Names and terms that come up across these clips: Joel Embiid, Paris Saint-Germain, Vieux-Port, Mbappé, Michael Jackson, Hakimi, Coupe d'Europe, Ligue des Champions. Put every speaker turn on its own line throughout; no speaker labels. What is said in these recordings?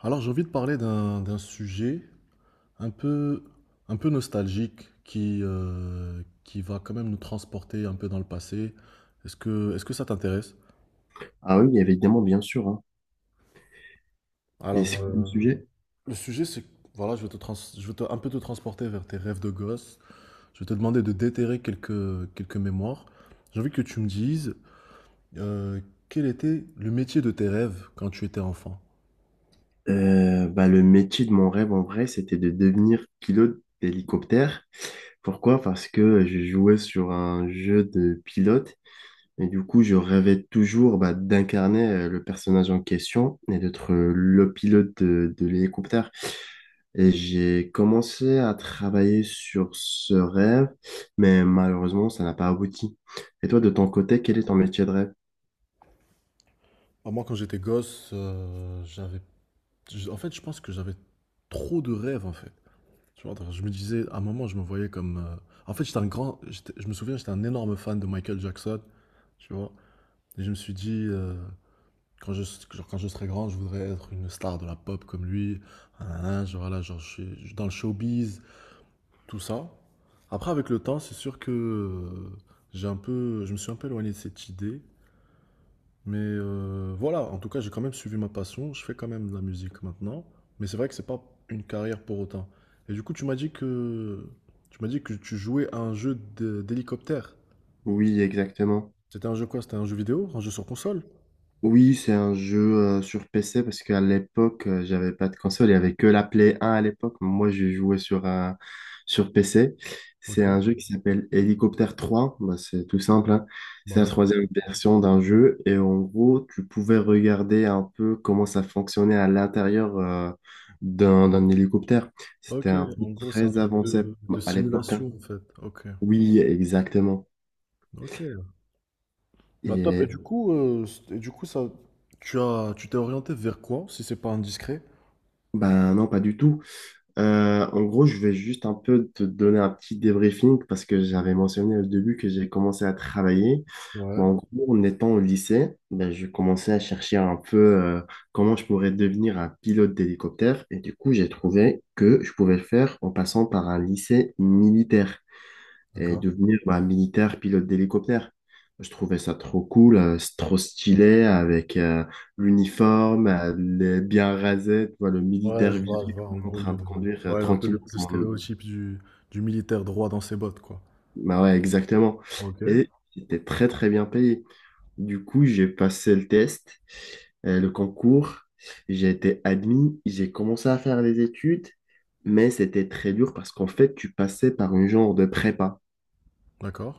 Alors, j'ai envie de parler d'un sujet un peu, un peu nostalgique qui va quand même nous transporter un peu dans le passé. Est-ce que ça t'intéresse?
Ah oui, évidemment, bien sûr, hein. Et
Alors,
c'est quoi le
euh,
sujet?
le sujet, c'est, voilà, un peu te transporter vers tes rêves de gosse. Je vais te demander de déterrer quelques mémoires. J'ai envie que tu me dises euh, quel était le métier de tes rêves quand tu étais enfant?
Le métier de mon rêve en vrai, c'était de devenir pilote d'hélicoptère. Pourquoi? Parce que je jouais sur un jeu de pilote et du coup, je rêvais toujours, bah, d'incarner le personnage en question et d'être le pilote de l'hélicoptère. Et j'ai commencé à travailler sur ce rêve, mais malheureusement, ça n'a pas abouti. Et toi, de ton côté, quel est ton métier de rêve?
Alors, moi, quand j'étais gosse, en fait, je pense que j'avais trop de rêves, en fait. Tu vois, donc je me disais, à un moment, je me voyais comme. En fait, j'étais un grand. Je me souviens, j'étais un énorme fan de Michael Jackson, tu vois. Et je me suis dit, quand je, genre, quand je serai grand, je voudrais être une star de la pop comme lui. Nanana, genre, voilà, genre, je suis dans le showbiz, tout ça. Après, avec le temps, c'est sûr que j'ai un peu, je me suis un peu éloigné de cette idée. Mais voilà, en tout cas, j'ai quand même suivi ma passion. Je fais quand même de la musique maintenant. Mais c'est vrai que c'est pas une carrière pour autant. Et du coup, tu m'as dit que tu jouais à un d'hélicoptère.
Oui, exactement.
C'était un jeu quoi? C'était un jeu vidéo? Un jeu sur console?
Oui, c'est un jeu sur PC parce qu'à l'époque, j'avais pas de console. Il y avait que la Play 1 à l'époque. Moi, j'ai joué sur, un sur PC.
Ok,
C'est un jeu qui s'appelle Helicopter 3. Bah, c'est tout simple, hein. C'est
bah
la
ouais.
troisième version d'un jeu. Et en gros, tu pouvais regarder un peu comment ça fonctionnait à l'intérieur d'un hélicoptère. C'était
Ok,
un peu
en gros, c'est un
très
truc
avancé,
de
bah, à l'époque, hein.
simulation en fait. Ok,
Oui, exactement.
ok. Bah top. Et
Et
du coup, ça, tu t'es orienté vers quoi, si c'est pas indiscret?
ben non, pas du tout. En gros, je vais juste un peu te donner un petit débriefing parce que j'avais mentionné au début que j'ai commencé à travailler. Mais
Ouais.
en gros, en étant au lycée, ben, je commençais à chercher un peu comment je pourrais devenir un pilote d'hélicoptère. Et du coup, j'ai trouvé que je pouvais le faire en passant par un lycée militaire et
D'accord.
devenir, bah, militaire pilote d'hélicoptère. Je trouvais ça trop cool, c'est trop stylé avec l'uniforme, les bien rasé, tu vois, le
Ouais,
militaire
je vois, je
viril
vois.
en train de conduire
Ouais, un peu
tranquillement,
le
sans-
stéréotype du militaire droit dans ses bottes, quoi.
Bah ouais, exactement.
Ok,
Et c'était très très bien payé. Du coup, j'ai passé le test, le concours, j'ai été admis, j'ai commencé à faire les études, mais c'était très dur parce qu'en fait, tu passais par un genre de prépa.
d'accord,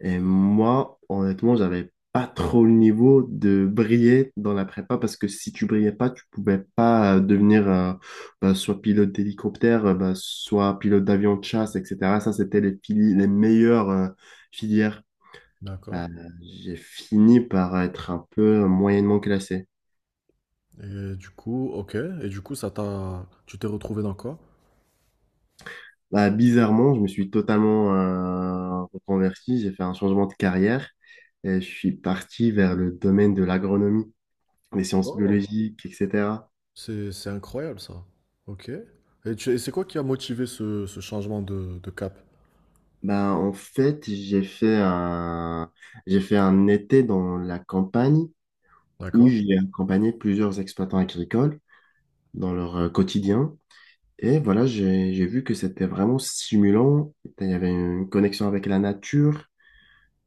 Et moi, honnêtement, j'avais pas trop le niveau de briller dans la prépa parce que si tu brillais pas, tu pouvais pas devenir bah, soit pilote d'hélicoptère, bah, soit pilote d'avion de chasse, etc. Ça, c'était les, les meilleures filières.
d'accord.
Bah, j'ai fini par être un peu moyennement classé.
Et du coup, ok. Et du coup, ça t'a, tu t'es retrouvé dans quoi?
Bah, bizarrement, je me suis totalement reconverti. J'ai fait un changement de carrière et je suis parti vers le domaine de l'agronomie, les sciences
Oh,
biologiques, etc.
c'est incroyable ça. Ok. Et, et c'est quoi qui a motivé ce changement de cap?
Ben, en fait, j'ai fait un été dans la campagne où
D'accord.
j'ai accompagné plusieurs exploitants agricoles dans leur quotidien. Et voilà, j'ai vu que c'était vraiment stimulant. Il y avait une connexion avec la nature,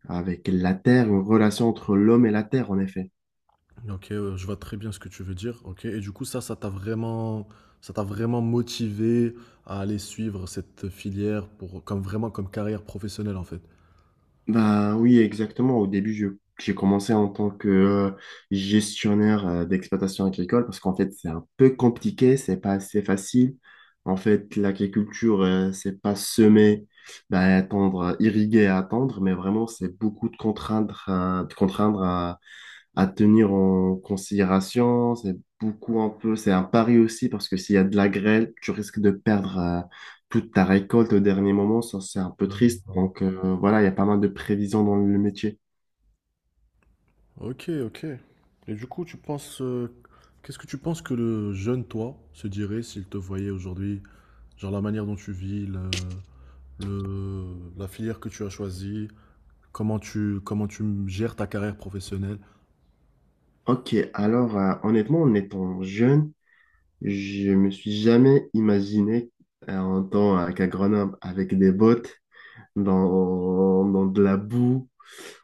avec la terre, une relation entre l'homme et la terre, en effet.
Ok, je vois très bien ce que tu veux dire. Ok. Et du coup, ça t'a vraiment motivé à aller suivre cette filière pour, comme vraiment comme carrière professionnelle en fait.
Bah oui, exactement. Au début, j'ai commencé en tant que gestionnaire d'exploitation agricole parce qu'en fait, c'est un peu compliqué, c'est pas assez facile. En fait, l'agriculture, c'est pas semer, bah, attendre, irriguer et attendre, mais vraiment, c'est beaucoup de contraindre, à tenir en considération. C'est beaucoup un peu, c'est un pari aussi parce que s'il y a de la grêle, tu risques de perdre toute ta récolte au dernier moment. Ça, c'est un peu
Ouais, je
triste.
vois.
Donc voilà, il y a pas mal de prévisions dans le métier.
Ok, ok. Et du coup, tu penses, qu'est-ce que tu penses que le jeune toi se dirait s'il te voyait aujourd'hui? Genre la manière dont tu vis, le- la filière que tu as choisie, comment tu gères ta carrière professionnelle.
Ok, alors honnêtement, en étant jeune, je me suis jamais imaginé en tant qu'agronome avec des bottes dans de la boue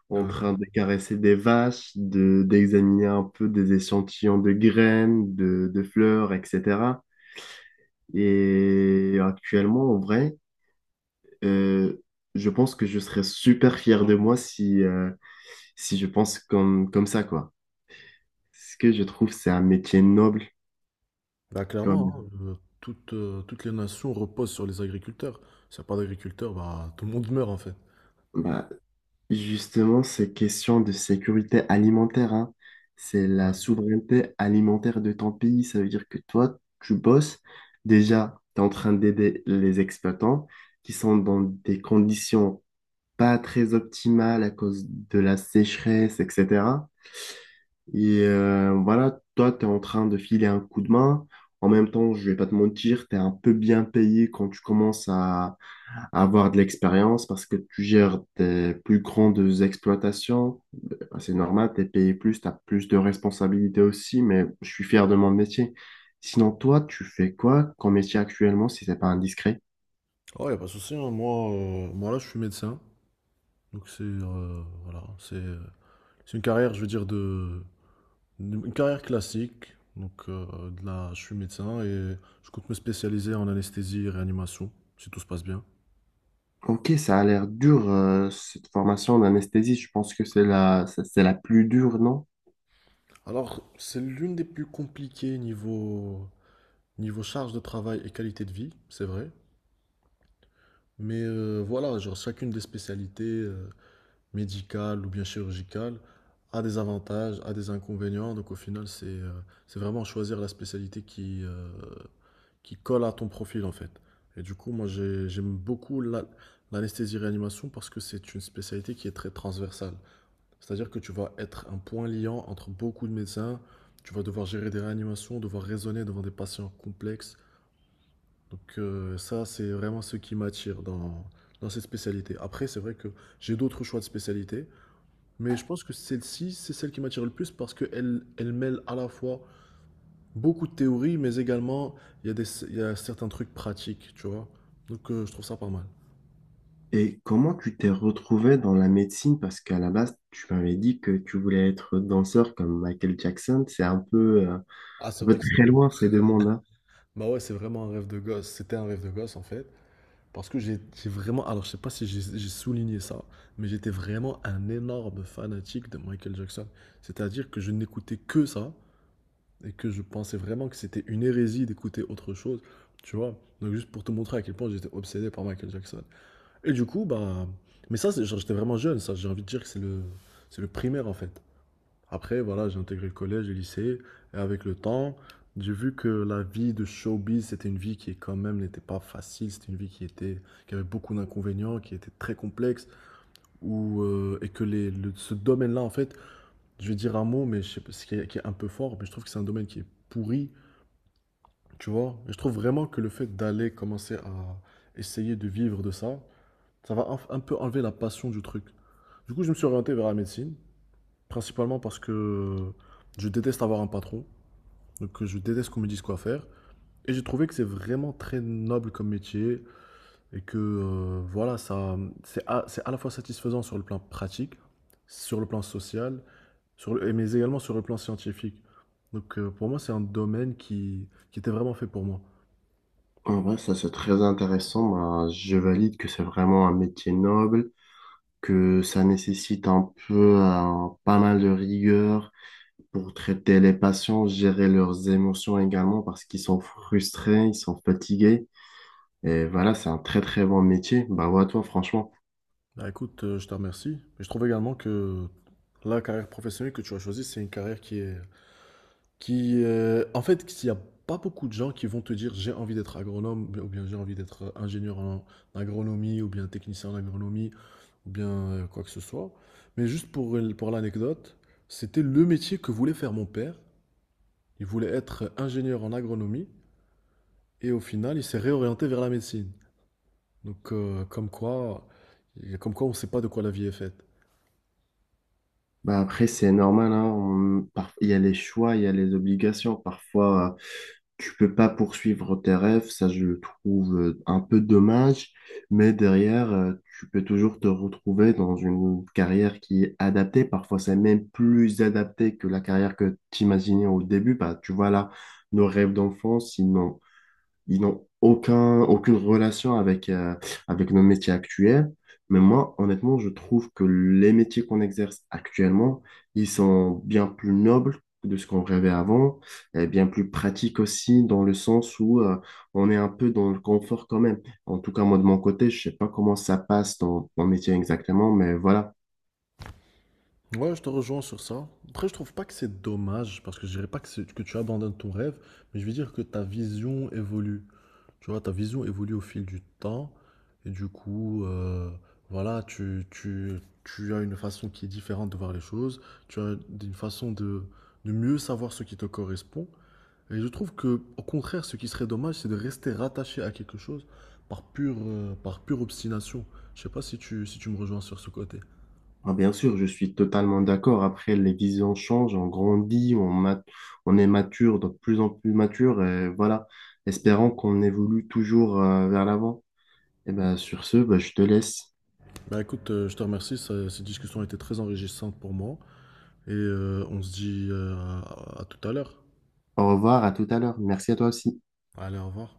en
Ouais.
train de caresser des vaches, de, d'examiner un peu des échantillons de graines, de fleurs, etc. Et actuellement, en vrai, euh, je pense que je serais super fier de moi si, si je pense comme, comme ça, quoi. Ce que je trouve, c'est un métier noble.
Bah clairement,
Comme,
toutes, toutes les nations reposent sur les agriculteurs. S'il n'y a pas d'agriculteurs, bah tout le monde meurt en fait.
bah, justement, ces questions de sécurité alimentaire, hein, c'est la souveraineté alimentaire de ton pays. Ça veut dire que toi, tu bosses. Déjà, tu es en train d'aider les exploitants qui sont dans des conditions pas très optimales à cause de la sécheresse, etc. Et voilà, toi, tu es en train de filer un coup de main. En même temps, je vais pas te mentir, tu es un peu bien payé quand tu commences à avoir de l'expérience parce que tu gères des plus grandes exploitations. Ben, c'est normal, tu es payé plus, tu as plus de responsabilités aussi, mais je suis fier de mon métier. Sinon, toi, tu fais quoi comme métier actuellement si c'est pas indiscret?
Oh, y a pas de souci, hein. Moi, moi là, je suis médecin, donc c'est voilà, c'est une carrière, je veux dire de une carrière classique, donc de là, je suis médecin et je compte me spécialiser en anesthésie et réanimation, si tout se passe bien.
Ok, ça a l'air dur, cette formation d'anesthésie. Je pense que c'est la, c'est la plus dure, non?
Alors, c'est l'une des plus compliquées niveau, niveau charge de travail et qualité de vie, c'est vrai. Mais voilà, genre chacune des spécialités médicales ou bien chirurgicales a des avantages, a des inconvénients. Donc au final, c'est vraiment choisir la spécialité qui colle à ton profil en fait. Et du coup, moi j'aime beaucoup l'anesthésie-réanimation parce que c'est une spécialité qui est très transversale. C'est-à-dire que tu vas être un point liant entre beaucoup de médecins, tu vas devoir gérer des réanimations, devoir raisonner devant des patients complexes. Donc ça, c'est vraiment ce qui m'attire dans cette spécialité. Après, c'est vrai que j'ai d'autres choix. Beaucoup de théories, mais également, il y a certains trucs pratiques, tu vois. Donc, je trouve ça pas mal.
Et comment tu t'es retrouvé dans la médecine? Parce qu'à la base, tu m'avais dit que tu voulais être danseur comme Michael Jackson. C'est
Ah, c'est
un peu
vrai que c'est...
très loin ces deux mondes.
Bah ouais, c'est vraiment un rêve de gosse. C'était un rêve de gosse, en fait. Parce que j'ai vraiment... Alors, je sais pas si j'ai souligné ça, mais j'étais vraiment un énorme fanatique de Michael Jackson. C'est-à-dire que je n'écoutais que ça, et que je pensais vraiment que c'était une hérésie d'écouter autre chose, tu vois. Donc, juste pour te montrer à quel point j'étais obsédé par Michael Jackson. Et du coup, bah, mais ça, genre, j'étais vraiment jeune, ça. J'ai envie de dire que c'est le primaire, en fait. Après, voilà, j'ai intégré le collège, le lycée. Et avec le temps, j'ai vu que la vie de showbiz, c'était une vie qui, quand même, n'était pas facile. C'était une qui avait beaucoup d'inconvénients, qui était très complexe. Où, et que ce domaine-là, en fait, je vais dire un mot, mais je sais pas, ce qui est un peu fort, mais je trouve que c'est un domaine qui est pourri, tu vois. Et je trouve vraiment que le fait d'aller commencer à essayer de vivre de ça, ça va un peu enlever la passion du truc. Du coup, je me suis orienté vers la médecine, principalement parce que je déteste avoir un patron, donc je déteste qu'on me dise quoi faire. Et j'ai trouvé que c'est vraiment très noble comme métier et que voilà, ça, c'est à la fois satisfaisant sur le plan pratique, sur le plan social, mais également sur le plan scientifique. Donc pour moi, c'est un domaine qui était vraiment fait pour moi.
En vrai, ça c'est très intéressant. Bah, je valide que c'est vraiment un métier noble, que ça nécessite un peu pas mal de rigueur pour traiter les patients, gérer leurs émotions également parce qu'ils sont frustrés, ils sont fatigués. Et voilà, c'est un très très bon métier. Bah, à toi, franchement.
Bah écoute, je te remercie. Et je trouve également que la carrière professionnelle que tu as choisie, c'est une carrière qui est, qui, en fait, s'il y a pas beaucoup de gens qui vont te dire: «J'ai envie d'être agronome» ou bien «J'ai envie d'être ingénieur en agronomie» ou bien «Technicien en agronomie» ou bien, quoi que ce soit. Mais juste pour l pour l'anecdote, c'était le métier que voulait faire mon père. Il voulait être ingénieur en agronomie et au final, il s'est réorienté vers la médecine. Donc, comme quoi on ne sait pas de quoi la vie est faite.
Bah après, c'est normal, hein, il y a les choix, il y a les obligations. Parfois, tu peux pas poursuivre tes rêves, ça je le trouve un peu dommage, mais derrière, tu peux toujours te retrouver dans une carrière qui est adaptée. Parfois, c'est même plus adapté que la carrière que tu imaginais au début. Bah, tu vois là, nos rêves d'enfance, ils n'ont aucun, aucune relation avec, avec nos métiers actuels. Mais moi, honnêtement, je trouve que les métiers qu'on exerce actuellement, ils sont bien plus nobles que de ce qu'on rêvait avant, et bien plus pratiques aussi, dans le sens où on est un peu dans le confort quand même. En tout cas, moi, de mon côté, je sais pas comment ça passe dans mon métier exactement, mais voilà.
Ouais, je te rejoins sur ça. Après, je trouve pas que c'est dommage, parce que je dirais pas que, que tu abandonnes ton rêve, mais je veux dire que ta vision évolue. Tu vois, ta vision évolue au fil du temps, et du coup, voilà, tu as une façon qui est différente de voir les choses, tu as une façon de mieux savoir ce qui te correspond. Et je trouve que, au contraire, ce qui serait dommage, c'est de rester rattaché à quelque chose par par pure obstination. Je sais pas si tu me rejoins sur ce côté.
Ah, bien sûr, je suis totalement d'accord. Après, les visions changent, on grandit, on est mature, de plus en plus mature. Et voilà, espérant qu'on évolue toujours vers l'avant. Et ben, sur ce, ben, je te laisse.
Bah écoute, je te remercie, cette discussion a été très enrichissante pour moi et on se dit à tout à l'heure.
Au revoir, à tout à l'heure. Merci à toi aussi.
Allez, au revoir.